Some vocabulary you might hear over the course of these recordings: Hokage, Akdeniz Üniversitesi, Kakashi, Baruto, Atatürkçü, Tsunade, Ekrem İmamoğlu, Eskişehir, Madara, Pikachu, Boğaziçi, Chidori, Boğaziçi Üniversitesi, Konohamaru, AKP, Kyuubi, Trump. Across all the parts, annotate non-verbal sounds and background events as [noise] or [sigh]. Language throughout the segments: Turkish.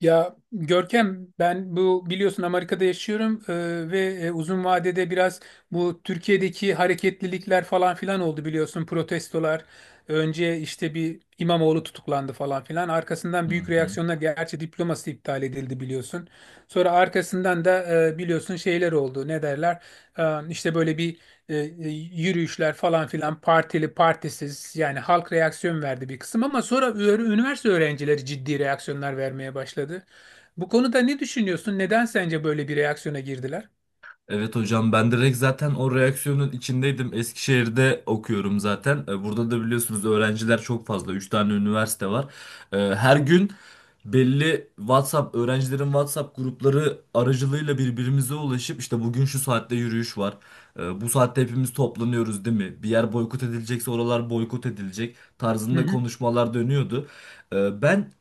Ya Görkem, ben bu biliyorsun Amerika'da yaşıyorum, ve uzun vadede biraz bu Türkiye'deki hareketlilikler falan filan oldu, biliyorsun, protestolar. Önce işte bir İmamoğlu tutuklandı falan filan. Hı Arkasından büyük hı. reaksiyonlar, gerçi diploması iptal edildi biliyorsun. Sonra arkasından da biliyorsun şeyler oldu, ne derler, E, işte böyle bir yürüyüşler falan filan, partili partisiz, yani halk reaksiyon verdi bir kısım, ama sonra üniversite öğrencileri ciddi reaksiyonlar vermeye başladı. Bu konuda ne düşünüyorsun? Neden sence böyle bir reaksiyona girdiler? Evet hocam, ben direkt zaten o reaksiyonun içindeydim. Eskişehir'de okuyorum zaten. Burada da biliyorsunuz öğrenciler çok fazla. 3 tane üniversite var. Her gün belli WhatsApp, öğrencilerin WhatsApp grupları aracılığıyla birbirimize ulaşıp işte bugün şu saatte yürüyüş var. Bu saatte hepimiz toplanıyoruz, değil mi? Bir yer boykot edilecekse oralar boykot edilecek Hı tarzında hı. konuşmalar dönüyordu. Ben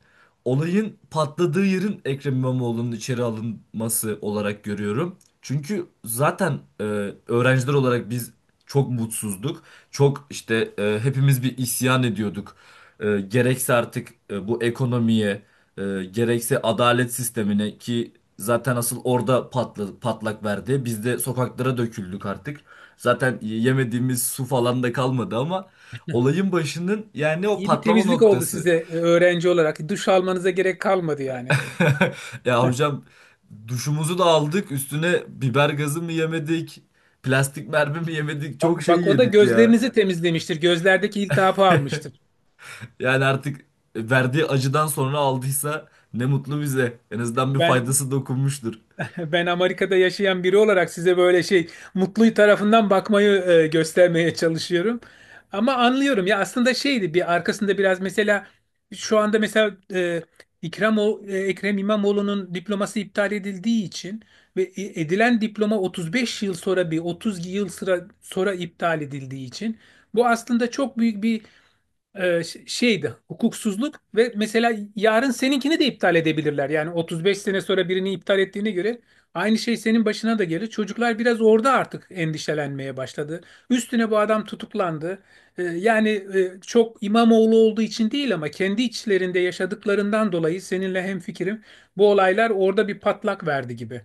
olayın patladığı yerin Ekrem İmamoğlu'nun içeri alınması olarak görüyorum. Çünkü zaten öğrenciler olarak biz çok mutsuzduk. Çok işte hepimiz bir isyan ediyorduk. Gerekse artık bu ekonomiye, e, gerekse adalet sistemine ki zaten asıl orada patladı, patlak verdi. Biz de sokaklara döküldük artık. Zaten yemediğimiz su falan da kalmadı ama olayın başının yani o İyi bir patlama temizlik oldu noktası. size öğrenci olarak. Duş almanıza gerek kalmadı yani. [laughs] Ya hocam, duşumuzu da aldık, üstüne biber gazı mı yemedik, plastik mermi mi yemedik, Bak, çok şey bak, o da yedik ya. gözlerinizi temizlemiştir. Gözlerdeki iltihabı almıştır. Yani artık verdiği acıdan sonra aldıysa ne mutlu bize, en azından bir Ben faydası dokunmuştur. [laughs] ben Amerika'da yaşayan biri olarak size böyle şey, mutlu tarafından bakmayı göstermeye çalışıyorum. Ama anlıyorum ya, aslında şeydi, bir arkasında biraz, mesela şu anda mesela Ekrem İmamoğlu'nun diploması iptal edildiği için ve edilen diploma 35 yıl sonra bir 30 yıl sıra, sonra iptal edildiği için, bu aslında çok büyük bir şeydi, hukuksuzluk. Ve mesela yarın seninkini de iptal edebilirler. Yani 35 sene sonra birini iptal ettiğine göre aynı şey senin başına da gelir. Çocuklar biraz orada artık endişelenmeye başladı. Üstüne bu adam tutuklandı. Yani çok İmamoğlu olduğu için değil, ama kendi içlerinde yaşadıklarından dolayı seninle hemfikirim. Bu olaylar orada bir patlak verdi gibi.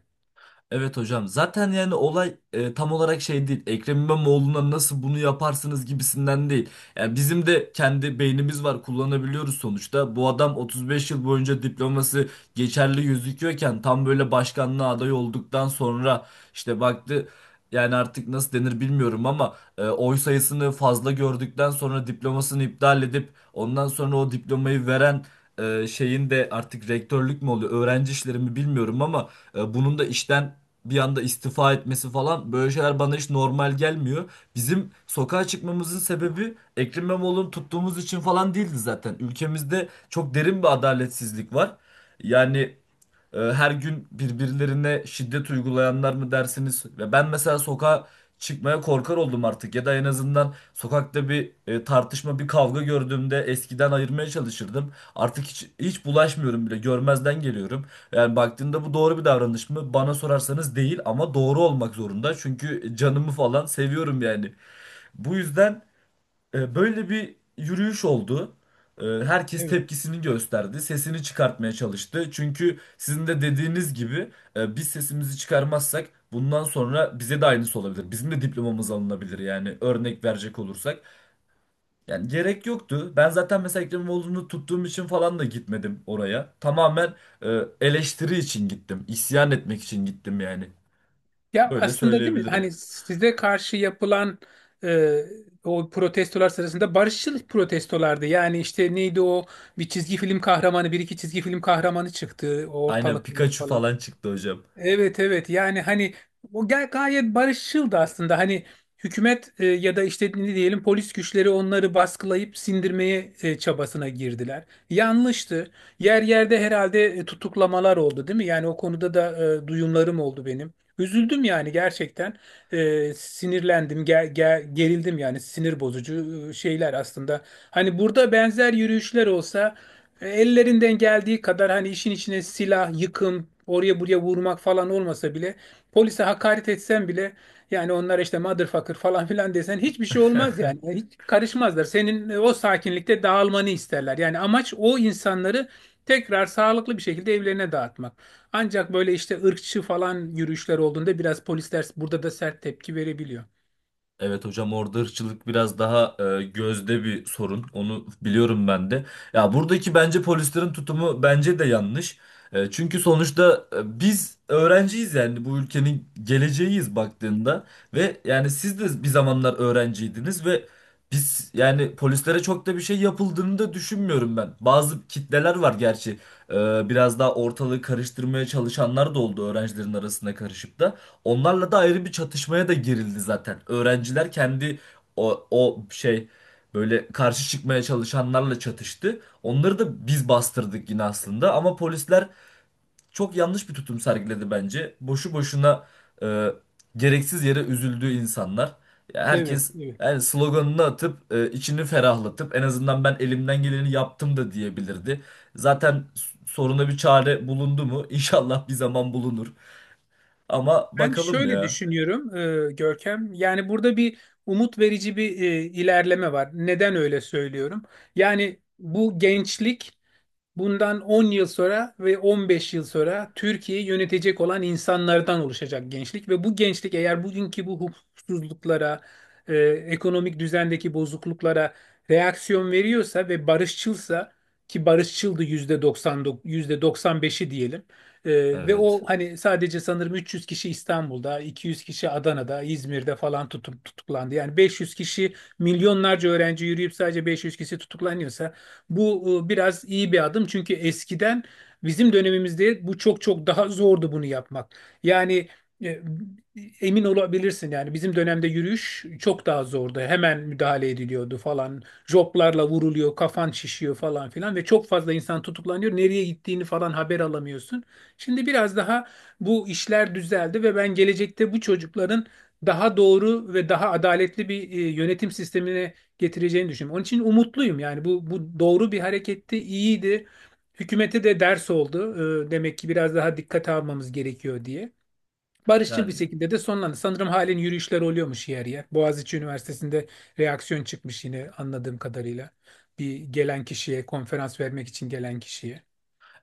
Evet hocam. Zaten yani olay tam olarak şey değil. Ekrem İmamoğlu'na nasıl bunu yaparsınız gibisinden değil. Yani bizim de kendi beynimiz var, kullanabiliyoruz sonuçta. Bu adam 35 yıl boyunca diploması geçerli gözüküyorken tam böyle başkanlığa aday olduktan sonra işte baktı yani artık nasıl denir bilmiyorum ama oy sayısını fazla gördükten sonra diplomasını iptal edip ondan sonra o diplomayı veren şeyin de artık rektörlük mü oluyor, öğrenci işleri mi bilmiyorum ama bunun da işten bir anda istifa etmesi falan, böyle şeyler bana hiç normal gelmiyor. Bizim sokağa çıkmamızın sebebi Ekrem İmamoğlu'nu tuttuğumuz için falan değildi zaten. Ülkemizde çok derin bir adaletsizlik var. Yani her gün birbirlerine şiddet uygulayanlar mı dersiniz? Ve ben mesela sokağa çıkmaya korkar oldum artık. Ya da en azından sokakta bir tartışma, bir kavga gördüğümde eskiden ayırmaya çalışırdım. Artık hiç, hiç bulaşmıyorum bile. Görmezden geliyorum. Yani baktığında bu doğru bir davranış mı? Bana sorarsanız değil ama doğru olmak zorunda. Çünkü canımı falan seviyorum yani. Bu yüzden böyle bir yürüyüş oldu. Herkes Evet. tepkisini gösterdi, sesini çıkartmaya çalıştı. Çünkü sizin de dediğiniz gibi biz sesimizi çıkarmazsak bundan sonra bize de aynısı olabilir. Bizim de diplomamız alınabilir yani, örnek verecek olursak. Yani gerek yoktu. Ben zaten mesela Ekrem İmamoğlu'nu tuttuğum için falan da gitmedim oraya. Tamamen eleştiri için gittim, isyan etmek için gittim yani. Ya Böyle aslında değil mi? söyleyebilirim. Hani size karşı yapılan e, o protestolar sırasında, barışçıl protestolardı. Yani işte neydi o, bir çizgi film kahramanı, bir iki çizgi film kahramanı çıktı Aynen ortalıklara Pikachu falan. falan çıktı hocam. Evet, evet, yani hani o gayet barışçıldı aslında. Hani hükümet, ya da işte ne diyelim, polis güçleri onları baskılayıp sindirmeye çabasına girdiler. Yanlıştı. Yer yerde herhalde tutuklamalar oldu değil mi? Yani o konuda da duyumlarım oldu benim. Üzüldüm yani gerçekten. Sinirlendim, gerildim, yani sinir bozucu şeyler aslında. Hani burada benzer yürüyüşler olsa, ellerinden geldiği kadar, hani işin içine silah, yıkım, oraya buraya vurmak falan olmasa bile, polise hakaret etsen bile, yani onlara işte motherfucker falan [laughs] filan desen, hiçbir şey olmaz yani. [laughs] Yani hiç karışmazlar. Senin o sakinlikte dağılmanı isterler. Yani amaç, o insanları tekrar sağlıklı bir şekilde evlerine dağıtmak. Ancak böyle işte ırkçı falan yürüyüşler olduğunda biraz polisler burada da sert tepki verebiliyor. Evet hocam, orada ırkçılık biraz daha gözde bir sorun. Onu biliyorum ben de. Ya buradaki bence polislerin tutumu bence de yanlış. Çünkü sonuçta biz öğrenciyiz, yani bu ülkenin geleceğiyiz baktığında ve yani siz de bir zamanlar öğrenciydiniz ve biz yani polislere çok da bir şey yapıldığını da düşünmüyorum ben. Bazı kitleler var gerçi. E, Biraz daha ortalığı karıştırmaya çalışanlar da oldu öğrencilerin arasına karışıp da. Onlarla da ayrı bir çatışmaya da girildi zaten. Öğrenciler kendi o şey, böyle karşı çıkmaya çalışanlarla çatıştı. Onları da biz bastırdık yine aslında ama polisler çok yanlış bir tutum sergiledi bence. Boşu boşuna e, gereksiz yere üzüldü insanlar. Ya Evet, herkes evet. yani sloganını atıp içini ferahlatıp en azından ben elimden geleni yaptım da diyebilirdi. Zaten soruna bir çare bulundu mu? [laughs] İnşallah bir zaman bulunur. Ama Ben bakalım şöyle ya. düşünüyorum, Görkem. Yani burada bir umut verici bir ilerleme var. Neden öyle söylüyorum? Yani bu gençlik, bundan 10 yıl sonra ve 15 yıl sonra Türkiye'yi yönetecek olan insanlardan oluşacak gençlik, ve bu gençlik eğer bugünkü bu hukuksuzluklara, e, ekonomik düzendeki bozukluklara reaksiyon veriyorsa ve barışçılsa, ki barışçıldı, %99, %95'i diyelim. E, ve o Evet. hani sadece sanırım 300 kişi İstanbul'da, 200 kişi Adana'da, İzmir'de falan tutup tutuklandı. Yani 500 kişi, milyonlarca öğrenci yürüyüp sadece 500 kişi tutuklanıyorsa, bu biraz iyi bir adım, çünkü eskiden, bizim dönemimizde bu çok çok daha zordu, bunu yapmak. Yani e, emin olabilirsin yani bizim dönemde yürüyüş çok daha zordu. Hemen müdahale ediliyordu falan. Joplarla vuruluyor, kafan şişiyor falan filan, ve çok fazla insan tutuklanıyor. Nereye gittiğini falan haber alamıyorsun. Şimdi biraz daha bu işler düzeldi, ve ben gelecekte bu çocukların daha doğru ve daha adaletli bir yönetim sistemine getireceğini düşünüyorum. Onun için umutluyum, yani bu, bu doğru bir hareketti, iyiydi. Hükümete de ders oldu. Demek ki biraz daha dikkate almamız gerekiyor diye. Barışçıl bir Yani, şekilde de sonlandı. Sanırım halen yürüyüşler oluyormuş yer yer. Boğaziçi Üniversitesi'nde reaksiyon çıkmış yine, anladığım kadarıyla. Bir gelen kişiye, konferans vermek için gelen kişiye.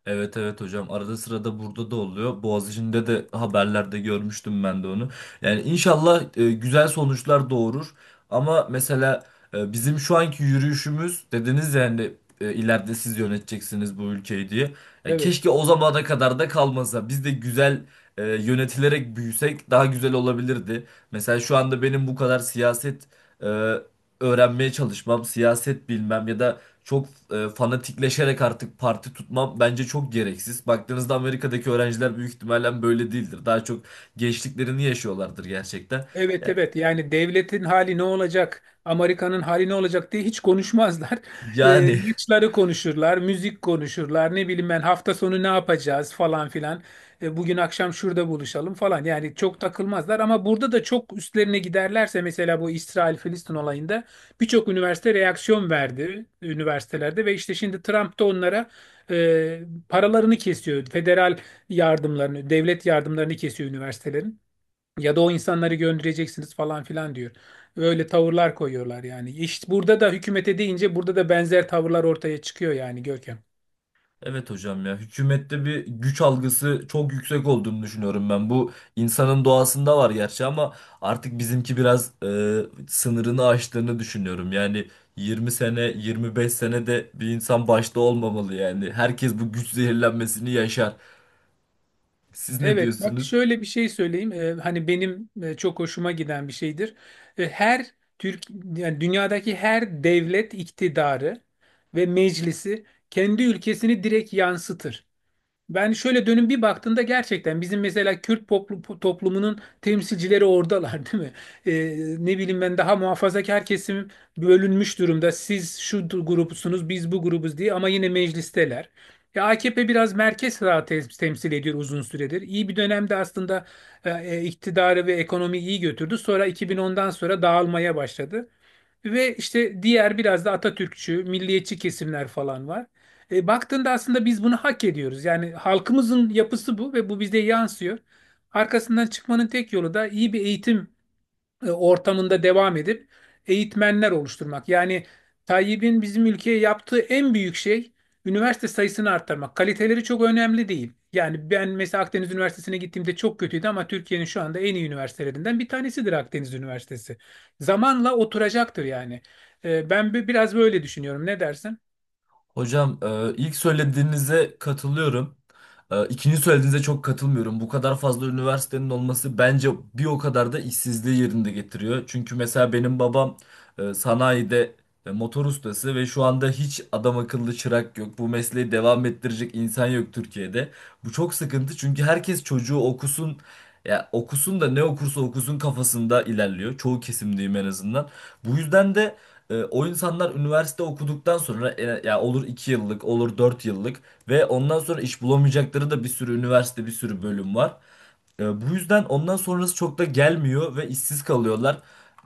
evet, evet hocam, arada sırada burada da oluyor. Boğaziçi'nde de haberlerde görmüştüm ben de onu. Yani inşallah güzel sonuçlar doğurur. Ama mesela bizim şu anki yürüyüşümüz dediniz yani ileride siz yöneteceksiniz bu ülkeyi diye. Ya Evet. keşke o zamana kadar da kalmasa. Biz de güzel yönetilerek büyüsek daha güzel olabilirdi. Mesela şu anda benim bu kadar siyaset e, öğrenmeye çalışmam, siyaset bilmem ya da çok fanatikleşerek artık parti tutmam bence çok gereksiz. Baktığınızda Amerika'daki öğrenciler büyük ihtimalle böyle değildir. Daha çok gençliklerini yaşıyorlardır gerçekten. Evet, Ya- evet, yani devletin hali ne olacak, Amerika'nın hali ne olacak diye hiç konuşmazlar. [laughs] Yani maçları konuşurlar, müzik konuşurlar, ne bileyim ben, hafta sonu ne yapacağız falan filan. Bugün akşam şurada buluşalım falan, yani çok takılmazlar, ama burada da çok üstlerine giderlerse, mesela bu İsrail-Filistin olayında birçok üniversite reaksiyon verdi üniversitelerde, ve işte şimdi Trump da onlara e, paralarını kesiyor. Federal yardımlarını, devlet yardımlarını kesiyor üniversitelerin. Ya da o insanları göndereceksiniz falan filan diyor. Öyle tavırlar koyuyorlar yani. İşte burada da hükümete deyince burada da benzer tavırlar ortaya çıkıyor yani, Görkem. [laughs] evet hocam, ya hükümette bir güç algısı çok yüksek olduğunu düşünüyorum ben. Bu insanın doğasında var gerçi ama artık bizimki biraz sınırını aştığını düşünüyorum. Yani 20 sene, 25 sene de bir insan başta olmamalı yani. Herkes bu güç zehirlenmesini yaşar. Siz ne Evet, bak diyorsunuz? şöyle bir şey söyleyeyim. Hani benim çok hoşuma giden bir şeydir. Her Türk, yani dünyadaki her devlet, iktidarı ve meclisi kendi ülkesini direkt yansıtır. Ben şöyle dönüp bir baktığında gerçekten bizim mesela Kürt toplumunun temsilcileri oradalar değil mi? Ne bileyim ben, daha muhafazakar kesim bölünmüş durumda. Siz şu grupsunuz, biz bu grubuz diye, ama yine meclisteler. Ya AKP biraz merkez sağ temsil ediyor uzun süredir. İyi bir dönemde aslında iktidarı ve ekonomiyi iyi götürdü. Sonra 2010'dan sonra dağılmaya başladı. Ve işte diğer biraz da Atatürkçü, milliyetçi kesimler falan var. Baktığında aslında biz bunu hak ediyoruz. Yani halkımızın yapısı bu ve bu bize yansıyor. Arkasından çıkmanın tek yolu da iyi bir eğitim ortamında devam edip eğitmenler oluşturmak. Yani Tayyip'in bizim ülkeye yaptığı en büyük şey üniversite sayısını arttırmak. Kaliteleri çok önemli değil. Yani ben mesela Akdeniz Üniversitesi'ne gittiğimde çok kötüydü, ama Türkiye'nin şu anda en iyi üniversitelerinden bir tanesidir Akdeniz Üniversitesi. Zamanla oturacaktır yani. Ben biraz böyle düşünüyorum. Ne dersin? Hocam ilk söylediğinize katılıyorum. İkinci söylediğinize çok katılmıyorum. Bu kadar fazla üniversitenin olması bence bir o kadar da işsizliği yerinde getiriyor. Çünkü mesela benim babam sanayide motor ustası ve şu anda hiç adam akıllı çırak yok. Bu mesleği devam ettirecek insan yok Türkiye'de. Bu çok sıkıntı çünkü herkes çocuğu okusun. Ya okusun da ne okursa okusun kafasında ilerliyor. Çoğu kesimdeyim en azından. Bu yüzden de o insanlar üniversite okuduktan sonra ya olur 2 yıllık olur 4 yıllık ve ondan sonra iş bulamayacakları da bir sürü üniversite, bir sürü bölüm var. Bu yüzden ondan sonrası çok da gelmiyor ve işsiz kalıyorlar.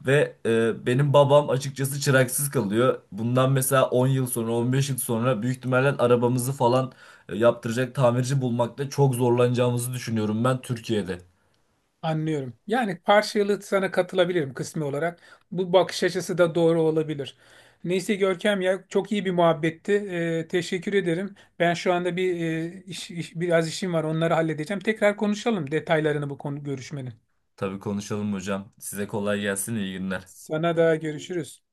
Ve benim babam açıkçası çıraksız kalıyor. Bundan mesela 10 yıl sonra, 15 yıl sonra büyük ihtimalle arabamızı falan yaptıracak tamirci bulmakta çok zorlanacağımızı düşünüyorum ben, Türkiye'de. Anlıyorum. Yani parçalı sana katılabilirim, kısmi olarak. Bu bakış açısı da doğru olabilir. Neyse Görkem, ya çok iyi bir muhabbetti. Teşekkür ederim. Ben şu anda bir biraz işim var. Onları halledeceğim. Tekrar konuşalım detaylarını bu konu görüşmenin. Tabii konuşalım hocam. Size kolay gelsin, iyi günler. Sana da, görüşürüz.